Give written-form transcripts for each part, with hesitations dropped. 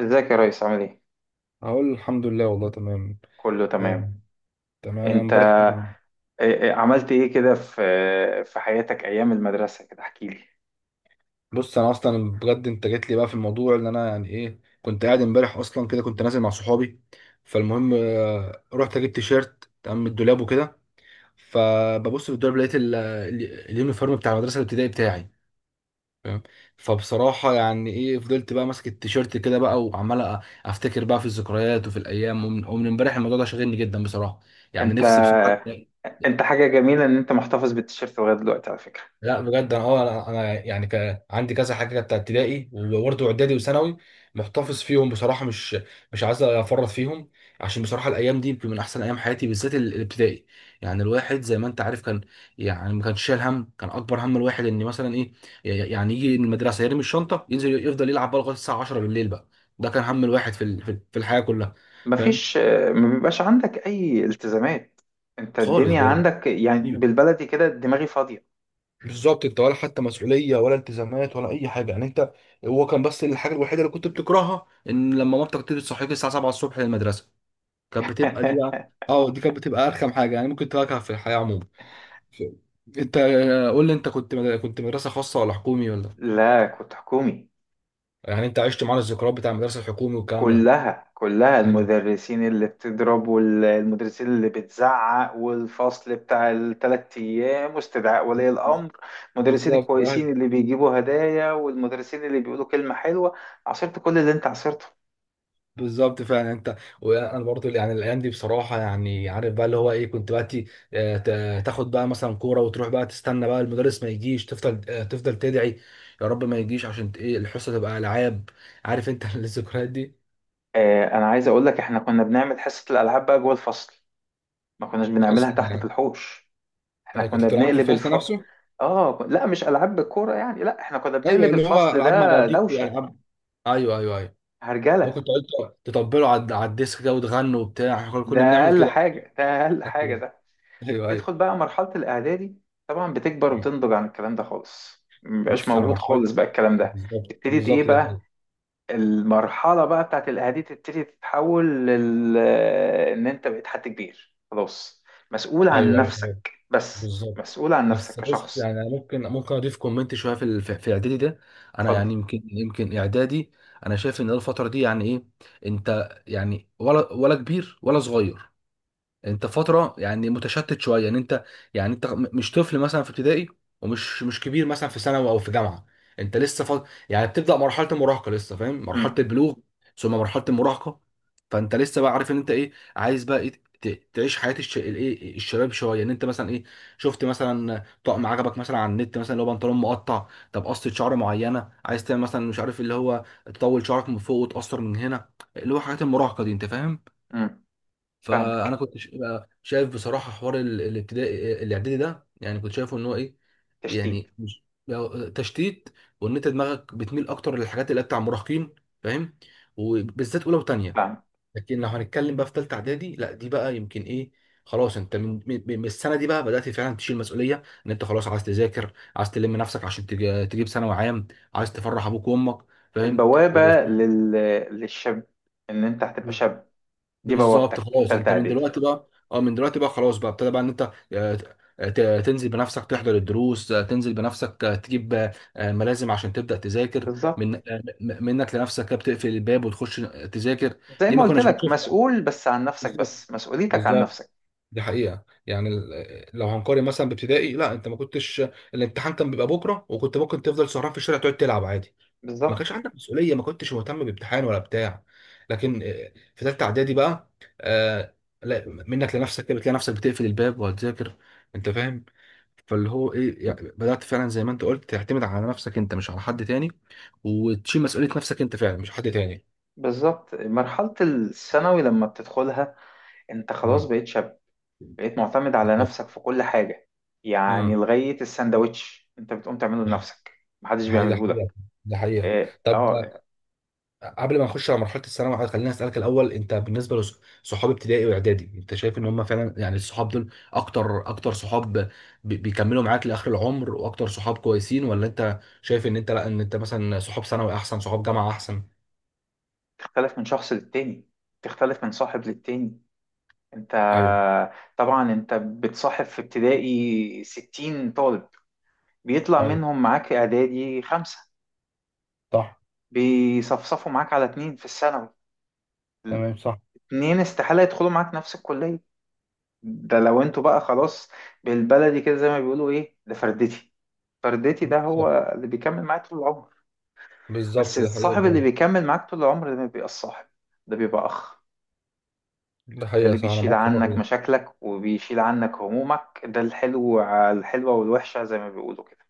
ازيك يا ريس؟ عامل ايه؟ اقول الحمد لله والله تمام. كله آه. تمام. تمام، انا انت امبارح كده. عملت ايه كده في في حياتك ايام المدرسة؟ كده احكي لي. بص، انا اصلا بجد انت جيت لي بقى في الموضوع اللي انا يعني ايه كنت قاعد امبارح اصلا كده، كنت نازل مع صحابي. فالمهم رحت اجيب تيشيرت تمام من الدولاب وكده. فببص في الدولاب لقيت اليونيفورم بتاع المدرسه الابتدائي بتاعي، فاهم؟ فبصراحه يعني ايه فضلت بقى ماسك التيشيرت كده بقى وعمال افتكر بقى في الذكريات وفي الايام، ومن امبارح الموضوع ده شاغلني جدا بصراحه. يعني انت نفسي بصراحه. انت حاجة جميلة ان انت محتفظ بالتيشيرت لغاية دلوقتي على فكرة. لا بجد انا انا يعني عندي كذا حاجه كانت ابتدائي وبرضه اعدادي وثانوي، محتفظ فيهم بصراحه. مش عايز افرط فيهم، عشان بصراحه الايام دي يمكن من احسن ايام حياتي، بالذات الابتدائي. يعني الواحد زي ما انت عارف كان، يعني ما كانش شايل هم. كان اكبر هم الواحد ان مثلا ايه، يعني يجي من المدرسه يرمي الشنطه ينزل يفضل يلعب بقى لغايه الساعه 10 بالليل بقى. ده كان هم الواحد في الحياه كلها، فاهم؟ مفيش، ما بيبقاش عندك اي التزامات. انت خالص الدنيا بجد. عندك يعني بالبلدي كده دماغي فاضية. بالظبط، انت ولا حتى مسؤوليه ولا التزامات ولا اي حاجه يعني. انت هو كان بس الحاجه الوحيده اللي كنت بتكرهها ان لما مامتك تيجي تصحيك الساعه 7 الصبح للمدرسه. كانت بتبقى دي، اه دي كانت بتبقى ارخم حاجه يعني ممكن تواجهها في الحياه عموما. ف- انت قول لي، انت كنت كنت مدرسه خاصه ولا حكومي ولا؟ لا، كنت حكومي. يعني انت عشت معانا الذكريات بتاع المدرسه الحكومي والكلام ده. كلها، كلها ايوه. المدرسين اللي بتضرب والمدرسين اللي بتزعق والفصل بتاع الثلاث ايام واستدعاء ولي الامر. المدرسين بالظبط، ايوه. الكويسين اللي بيجيبوا هدايا والمدرسين اللي بيقولوا كلمة حلوة. عصرت كل اللي انت عصرته. بالظبط فعلا. انت وانا برضو يعني الايام دي بصراحه، يعني عارف بقى اللي هو ايه، كنت بقى تاخد بقى مثلا كوره وتروح بقى تستنى بقى المدرس ما يجيش، تفضل تفضل تدعي يا رب ما يجيش عشان ت- ايه الحصه تبقى العاب. عارف انت؟ الذكريات دي آه، انا عايز اقول لك احنا كنا بنعمل حصة الالعاب بقى جوه الفصل، ما كناش بنعملها اصلا تحت في يعني. الحوش. احنا يعني كنت كنا بتلعبوا في بنقلب الفصل الف. نفسه؟ اه لا، مش العاب بالكورة يعني، لا احنا كنا ايوه، بنقلب اللي هو الفصل العاب مع ده بعضيك دوشة، والعاب. ايوه، ايوه، ايوه. ممكن هرجلة. تقعدوا تطبلوا على الديسك كده وتغنوا وبتاع. احنا كنا ده كنا بنعمل اقل كده. حاجة، ده اقل حاجة ده. ايوه، ايوه. تدخل بقى مرحلة الإعدادي، طبعا بتكبر وتنضج عن الكلام ده خالص، مبقاش بص انا موجود مرحله، خالص بقى الكلام ده. بالظبط ابتدت إيه بالظبط ده، بقى ايوه، المرحلة بقى بتاعت الإعدادي، تبتدي تتحول لل، إن أنت بقيت حد كبير خلاص، مسؤول عن ايوه، ايوه. نفسك بس، بالظبط. مسؤول عن نفسك بس بص، كشخص. يعني انا ممكن اضيف كومنت شويه في ال- في في اعدادي ده. انا اتفضل. يعني يمكن اعدادي، انا شايف ان الفتره دي يعني ايه، انت يعني ولا كبير ولا صغير. انت فتره يعني متشتت شويه، ان انت يعني انت مش طفل مثلا في ابتدائي، ومش مش كبير مثلا في ثانوي او في جامعه. انت لسه يعني بتبدا مرحله المراهقه لسه، فاهم؟ مرحله امم البلوغ ثم مرحله المراهقه. فانت لسه بقى عارف ان انت ايه عايز بقى ايه، تعيش حياه الشباب شويه، ان انت مثلا ايه، شفت مثلا طقم عجبك مثلا على النت مثلا، اللي هو بنطلون مقطع. طب قصه شعر معينه عايز تعمل مثلا، مش عارف، اللي هو تطول شعرك من فوق وتقصر من هنا، اللي هو حاجات المراهقه دي، انت فاهم؟ امم فاهمك. فانا كنت بقى شايف بصراحه حوار الابتدائي الاعدادي ده، يعني كنت شايفه ان هو ايه، تشتيت. يعني مش بقى تشتيت، وان انت دماغك بتميل اكتر للحاجات اللي هي بتاع مراهقين، فاهم؟ وبالذات اولى وثانيه. فاهم. لكن لو هنتكلم بقى في ثالثه اعدادي، لا دي بقى يمكن ايه، خلاص انت من السنه دي بقى بدات فعلا تشيل مسؤوليه، ان انت خلاص عايز تذاكر، عايز تلم نفسك عشان تجيب ثانوي عام، عايز تفرح ابوك وامك، فاهم؟ البوابة لل... للشاب، إن أنت هتبقى شاب، دي بوابتك بالظبط. خلاص تالتة انت من إعدادي. دلوقتي بقى، اه من دلوقتي بقى خلاص، بقى ابتدى بقى ان انت تنزل بنفسك تحضر الدروس، تنزل بنفسك، تجيب ملازم عشان تبدأ تذاكر، بالظبط. من آه، منك لنفسك كده، بتقفل الباب وتخش تذاكر. زي دي ما ما قلت كناش لك، بنشوفها. مسؤول بس عن نفسك، بالظبط، بس مسؤوليتك عن بالظبط. نفسك. دي حقيقة، يعني لو هنقارن مثلا بابتدائي، لا انت ما كنتش، الامتحان كان بيبقى بكرة وكنت ممكن تفضل سهران في الشارع تقعد تلعب عادي، ما كانش بالظبط. عندك مسؤوليه، ما كنتش مهتم بامتحان ولا بتاع. لكن في ثالثه اعدادي بقى، آه، لا منك لنفسك كده بتلاقي نفسك بتقفل الباب وهتذاكر، انت فاهم؟ فاللي هو ايه يعني، بدات فعلا زي ما انت قلت تعتمد على نفسك انت، مش على حد تاني، وتشيل مسؤوليه نفسك انت فعلا، مش حد تاني. بالظبط مرحلة الثانوي لما بتدخلها، انت خلاص امم. بقيت شاب، بقيت معتمد على بالظبط. نفسك في كل حاجة. امم. يعني لغاية السندوتش انت بتقوم تعمله لنفسك، محدش ده حقيقة، ده بيعمله لك. حقيقة، ده حقيقة. اه طب قبل ما نخش على مرحله الثانوي خليني اسالك الاول، انت بالنسبه لصحاب ابتدائي واعدادي، انت شايف ان هم فعلا يعني الصحاب دول اكتر صحاب بيكملوا معاك لاخر العمر واكتر صحاب كويسين، ولا انت شايف ان انت لا، ان انت مثلا صحاب ثانوي احسن، صحاب جامعه احسن؟ تختلف من شخص للتاني، تختلف من صاحب للتاني. انت ايوه، طبعا انت بتصاحب في ابتدائي 60 طالب، بيطلع ايوه، منهم معاك اعدادي 5، صح. بيصفصفوا معاك على اتنين في الثانوي. تمام، صح. اتنين استحالة يدخلوا معاك نفس الكلية. ده لو انتوا بقى خلاص، بالبلدي كده زي ما بيقولوا ايه، ده فردتي. فردتي ده هو بالظبط، اللي بيكمل معاك طول العمر. بس بالظبط، دي حقيقة الصاحب اللي فعلا. بيكمل معاك طول العمر ده ما بيبقى الصاحب، ده بيبقى أخ. دي ده حقيقة، اللي صح، أنا بيشيل معاك في النقطة عنك دي. مشاكلك وبيشيل عنك همومك، ده الحلو على الحلوة والوحشة زي ما بيقولوا كده.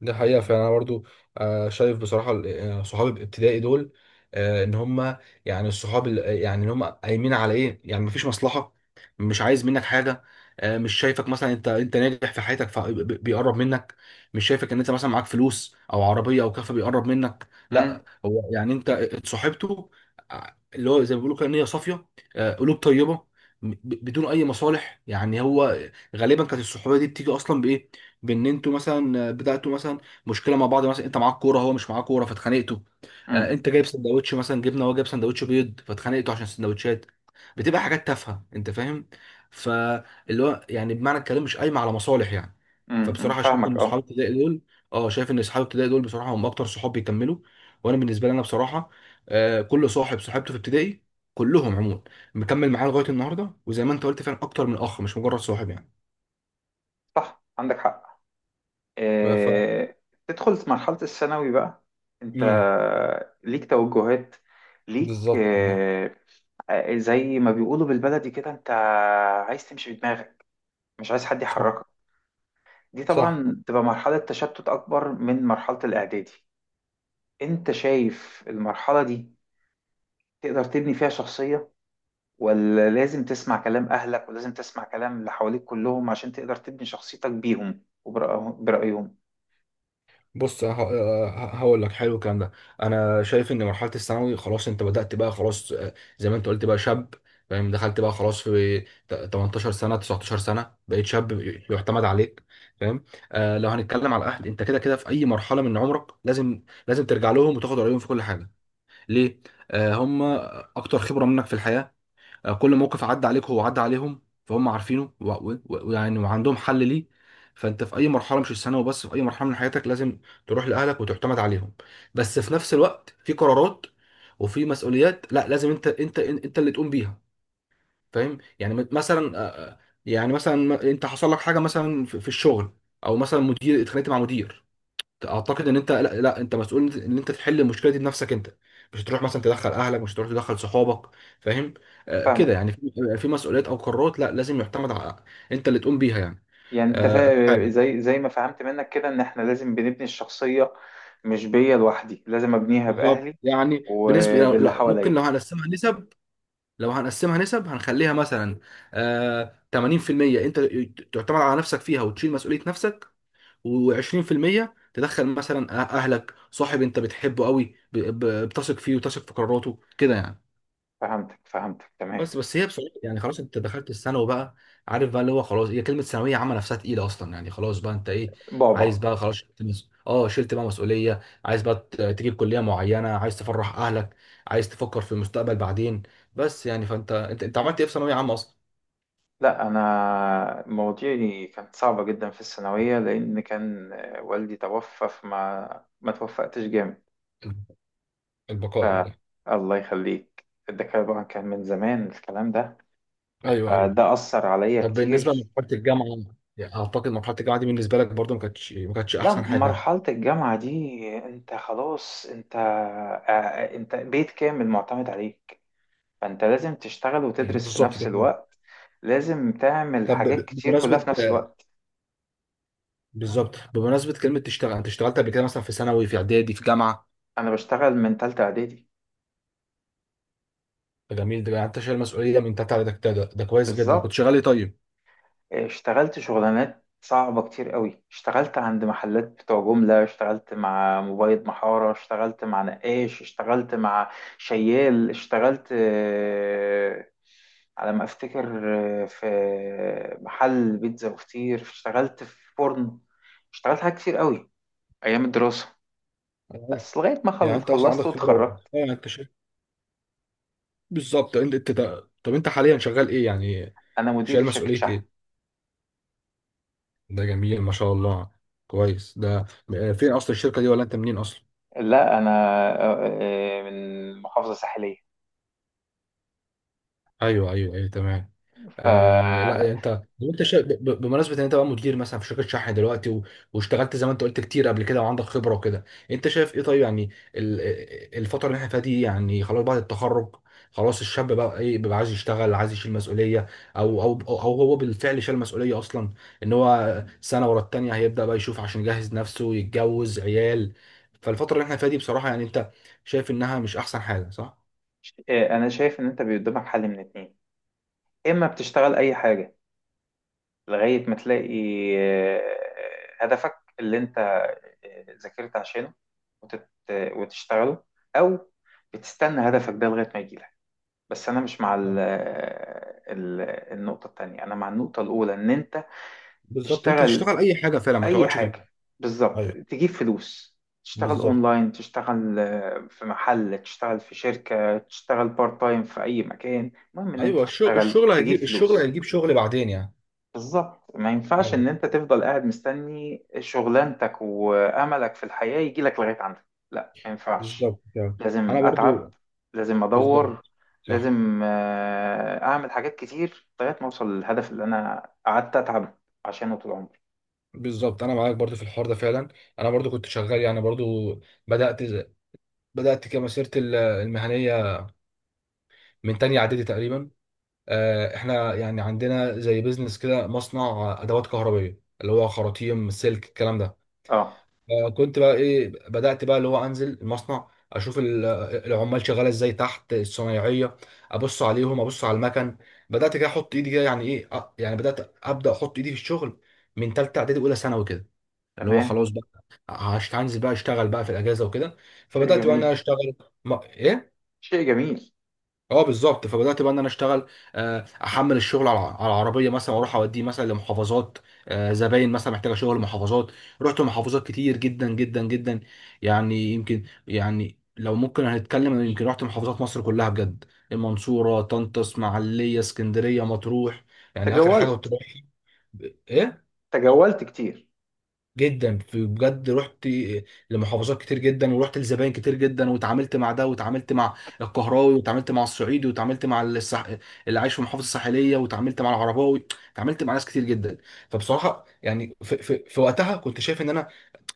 ده حقيقة فعلا، أنا برضو شايف بصراحة صحابي الابتدائي دول، إن هما يعني الصحاب يعني إن هما قايمين على إيه، يعني مفيش مصلحة، مش عايز منك حاجة، مش شايفك مثلا أنت ناجح في حياتك فبيقرب منك، مش شايفك إن أنت مثلا معاك فلوس أو عربية أو كافة بيقرب منك، امم لا هو يعني أنت اتصاحبته ع- اللي هو زي ما بيقولوا كده، نية صافية، قلوب طيبة، بدون أي مصالح. يعني هو غالبا كانت الصحوبية دي بتيجي أصلا بإيه، بان انتوا مثلا بداتوا مثلا مشكله مع بعض، مثلا انت معاك كوره هو مش معاه كوره فاتخانقتوا، امم انت جايب سندوتش مثلا جبنه، هو جايب سندوتش بيض، فاتخانقتوا عشان السندوتشات، بتبقى حاجات تافهه، انت فاهم؟ فاللي هو يعني بمعنى الكلام مش قايمه على مصالح يعني. فبصراحه شايف فاهمك ان اصحاب اه. ابتدائي دول، اه شايف ان اصحاب ابتدائي دول بصراحه هم اكتر صحاب بيكملوا. وانا بالنسبه لي انا بصراحه، كل صاحب صاحبته في ابتدائي، كلهم عموما مكمل معايا لغايه النهارده، وزي ما انت قلت فعلا اكتر من اخ، مش مجرد صاحب يعني. صح، عندك حق. ف... آه، تدخل في مرحلة الثانوي بقى، انت مم. ليك توجهات، ليك بالظبط، تمام. زي ما بيقولوا بالبلدي كده، انت عايز تمشي بدماغك، مش عايز حد صح، يحركك. دي صح. طبعا تبقى مرحلة تشتت أكبر من مرحلة الإعدادي. انت شايف المرحلة دي تقدر تبني فيها شخصية ولا لازم تسمع كلام أهلك ولازم تسمع كلام اللي حواليك كلهم عشان تقدر تبني شخصيتك بيهم وبرأيهم؟ بص هقول لك، حلو الكلام ده. انا شايف ان مرحله الثانوي، خلاص انت بدات بقى، خلاص زي ما انت قلت بقى شاب، فاهم؟ دخلت بقى خلاص في 18 سنه 19 سنه، بقيت شاب يعتمد عليك، فاهم؟ آه لو هنتكلم على الاهل، انت كده كده في اي مرحله من عمرك لازم ترجع لهم وتاخد رايهم في كل حاجه. ليه؟ آه، هم اكتر خبره منك في الحياه، كل موقف عدى عليك هو عدى عليهم، فهم عارفينه و وعندهم حل ليه. فانت في اي مرحله، مش الثانوي وبس، في اي مرحله من حياتك لازم تروح لاهلك وتعتمد عليهم. بس في نفس الوقت في قرارات وفي مسؤوليات لا، لازم انت اللي تقوم بيها، فاهم يعني؟ مثلا يعني مثلا انت حصل لك حاجه مثلا في الشغل، او مثلا مدير اتخانقت مع مدير، اعتقد ان انت لا, لا انت مسؤول ان انت تحل المشكله دي بنفسك انت، مش هتروح مثلا تدخل اهلك، مش هتروح تدخل صحابك، فاهم؟ آه كده فاهمك. يعني، في في مسؤوليات او قرارات لا، لازم يعتمد على انت اللي تقوم بيها يعني. يعني انت آه أدي حاجه. زي زي ما فهمت منك كده ان احنا لازم بنبني الشخصية، مش بيا لوحدي، لازم ابنيها باهلي بالظبط، يعني بالنسبه لا, وباللي لا ممكن لو حواليا. هنقسمها نسب، هنخليها مثلا آه 80% انت تعتمد على نفسك فيها وتشيل مسؤوليه نفسك، و20% تدخل مثلا اهلك، صاحب انت بتحبه قوي بتثق فيه وتثق في قراراته كده يعني. فهمتك، فهمتك تمام. بس بس هي بصراحه يعني، خلاص انت دخلت الثانوي بقى، عارف بقى اللي هو خلاص، هي كلمه ثانويه عامه نفسها تقيله اصلا، يعني خلاص بقى انت ايه، عايز بابا، بقى خلاص شلت مس... اه شلت بقى مسؤوليه، عايز بقى تجيب كليه معينه، عايز تفرح اهلك، عايز تفكر في المستقبل بعدين. بس يعني فانت انت عملت ايه في ثانويه عامه اصلا؟ لا انا مواضيعي كانت صعبة جدا في الثانوية، لان كان والدي توفى، فما ما توفقتش جامد. ف، البقاء لله. الله يخليك، ده طبعا كان من زمان الكلام ده. ايوه، ايوه. فده أثر عليا طب بالنسبه كتير. لمرحله الجامعه، يعني اعتقد مرحله الجامعه دي بالنسبه لك برضو ما كانتش لا، احسن حاجه. مرحلة الجامعة دي انت خلاص، انت انت بيت كامل معتمد عليك، فانت لازم تشتغل وتدرس في بالظبط نفس ده. الوقت، لازم تعمل طب حاجات كتير كلها بمناسبه، في نفس الوقت. بالظبط، بمناسبه كلمه تشتغل، انت اشتغلت قبل كده مثلا في ثانوي في اعدادي في جامعه؟ انا بشتغل من تالتة اعدادي. فجميل ده، يعني انت شايل مسؤوليه من تحت، على ده كويس جدا. كنت بالظبط. شغال ايه طيب؟ اشتغلت شغلانات صعبة كتير قوي، اشتغلت عند محلات بتوع جملة، اشتغلت مع مبيض محارة، اشتغلت مع نقاش، اشتغلت مع شيال، اشتغلت على ما افتكر اه، في محل بيتزا وفطير، اشتغلت في فرن. اشتغلت حاجات كتير قوي ايام الدراسة، أيوة. بس لغاية ما يعني انت اصلا عندك خلصت خبره واتخرجت. يعني انت شايل، بالظبط. انت ده. طب انت حاليا شغال ايه يعني، انا مدير شايل في شركة مسؤوليه شحن. ايه؟ ده جميل ما شاء الله. كويس ده فين اصلا الشركه دي، ولا انت منين اصلا؟ لا انا من محافظة ساحلية. ايوه، ايوه، ايوه، تمام. ف، آه لا يعني انت لو انت بمناسبه ان انت بقى مدير مثلا في شركه شحن دلوقتي و... واشتغلت زي ما انت قلت كتير قبل كده وعندك خبره وكده، انت شايف ايه طيب يعني، ال... الفتره اللي احنا فيها دي، يعني خلاص بعد التخرج، خلاص الشاب بقى ايه بيبقى عايز يشتغل، عايز يشيل مسؤوليه، او او او أو هو بالفعل شال مسؤوليه اصلا، ان هو سنه ورا التانيه هيبدا بقى يشوف عشان يجهز نفسه يتجوز عيال. فالفتره اللي احنا فيها دي بصراحه يعني، انت شايف انها مش احسن حاجه، صح؟ انا شايف ان انت قدامك حل من اتنين: اما بتشتغل اي حاجه لغايه ما تلاقي آه، هدفك اللي انت ذاكرت عشانه وتشتغله، او بتستنى هدفك ده لغايه ما يجيلك. بس انا مش مع صح. النقطه التانية، انا مع النقطه الاولى، ان انت بالظبط، انت تشتغل تشتغل اي حاجه فعلا، ما اي تقعدش في البيت. حاجه. بالظبط. ايوه. تجيب فلوس. تشتغل بالظبط. اونلاين، تشتغل في محل، تشتغل في شركه، تشتغل بارت تايم في اي مكان، المهم ان انت ايوه، الشغل، تشتغل، الشغل تجيب هيجيب الشغل فلوس. هيجيب شغل بعدين يعني. بالظبط. ما ينفعش ايوه، ان انت تفضل قاعد مستني شغلانتك واملك في الحياه يجيلك لغايه عندك. لا، ما ينفعش. بالظبط كده. انا لازم اتعب، برضو. لازم ادور، بالظبط. صح. لازم اعمل حاجات كتير لغايه ما اوصل للهدف اللي انا قعدت اتعب عشانه طول عمري. بالظبط، انا معاك برضو في الحوار ده فعلا. انا برضو كنت شغال يعني، برضو بدات بدات كمسيرتي المهنيه من تانية اعدادي تقريبا. احنا يعني عندنا زي بيزنس كده، مصنع ادوات كهربائيه، اللي هو خراطيم سلك الكلام ده. اه كنت بقى ايه، بدأت بقى اللي هو انزل المصنع اشوف العمال شغاله ازاي تحت الصنايعيه، ابص عليهم، ابص على المكن، بدأت كده احط ايدي كده، يعني ايه يعني ابدأ احط ايدي في الشغل من ثالثه اعدادي اولى ثانوي كده، اللي هو تمام. خلاص بقى هنزل بقى اشتغل بقى في الاجازه وكده. شيء فبدأت بقى إن انا جميل. اشتغل. ما... ايه شيء جميل. اه بالظبط، فبدات بقى ان انا اشتغل، احمل الشغل على على العربيه مثلا واروح اوديه مثلا لمحافظات، زباين مثلا محتاجه شغل محافظات. رحت محافظات كتير جدا. يعني يمكن يعني لو ممكن هنتكلم، أنا يمكن رحت محافظات مصر كلها بجد، المنصوره، طنطا، اسماعيليه، اسكندريه، مطروح، يعني اخر حاجه كنت تجولت. رايح، ايه تجولت كتير. جدا. في بجد رحت لمحافظات كتير جدا، ورحت لزباين كتير جدا، واتعاملت مع ده واتعاملت مع القهراوي واتعاملت مع الصعيدي واتعاملت مع اللي عايش في المحافظه الساحليه، واتعاملت مع العرباوي، اتعاملت مع ناس كتير جدا. فبصراحه يعني في وقتها كنت شايف ان انا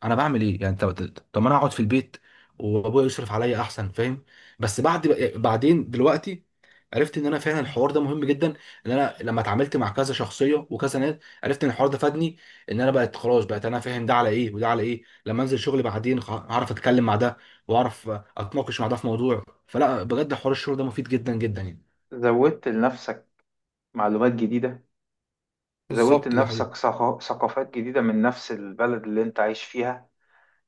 انا بعمل ايه يعني، طب طب ما انا اقعد في البيت وابويا يصرف عليا احسن، فاهم؟ بس بعد، بعدين دلوقتي عرفت ان انا فعلا الحوار ده مهم جدا، ان انا لما اتعاملت مع كذا شخصيه وكذا ناس عرفت ان الحوار ده فادني، ان انا بقت خلاص بقت انا فاهم ده على ايه وده على ايه، لما انزل شغل بعدين هعرف اتكلم مع ده واعرف اتناقش مع ده في موضوع. فلا بجد حوار الشغل ده مفيد جدا جدا يعني. زودت لنفسك معلومات جديدة. زودت بالظبط، ده حقيقي. لنفسك ثقافات جديدة من نفس البلد اللي انت عايش فيها.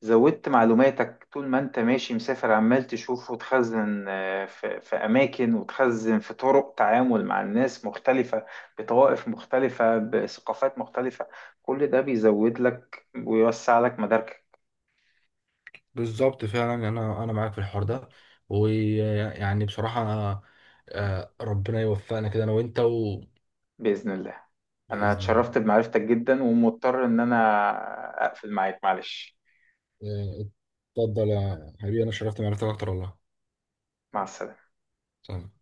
زودت معلوماتك طول ما انت ماشي مسافر، عمال تشوف وتخزن في في أماكن، وتخزن في طرق تعامل مع الناس مختلفة، بطوائف مختلفة، بثقافات مختلفة. كل ده بيزود لك ويوسع لك مداركك. بالظبط فعلا، يعني انا معاك في الحوار ده، ويعني بصراحه ربنا يوفقنا كده انا وانت وباذن بإذن الله. أنا الله. اتشرفت بمعرفتك جدا، ومضطر إن أنا أقفل معاك، معلش. آه، اتفضل يا حبيبي، انا شرفت معرفتك اكتر والله. مع السلامة. سلام.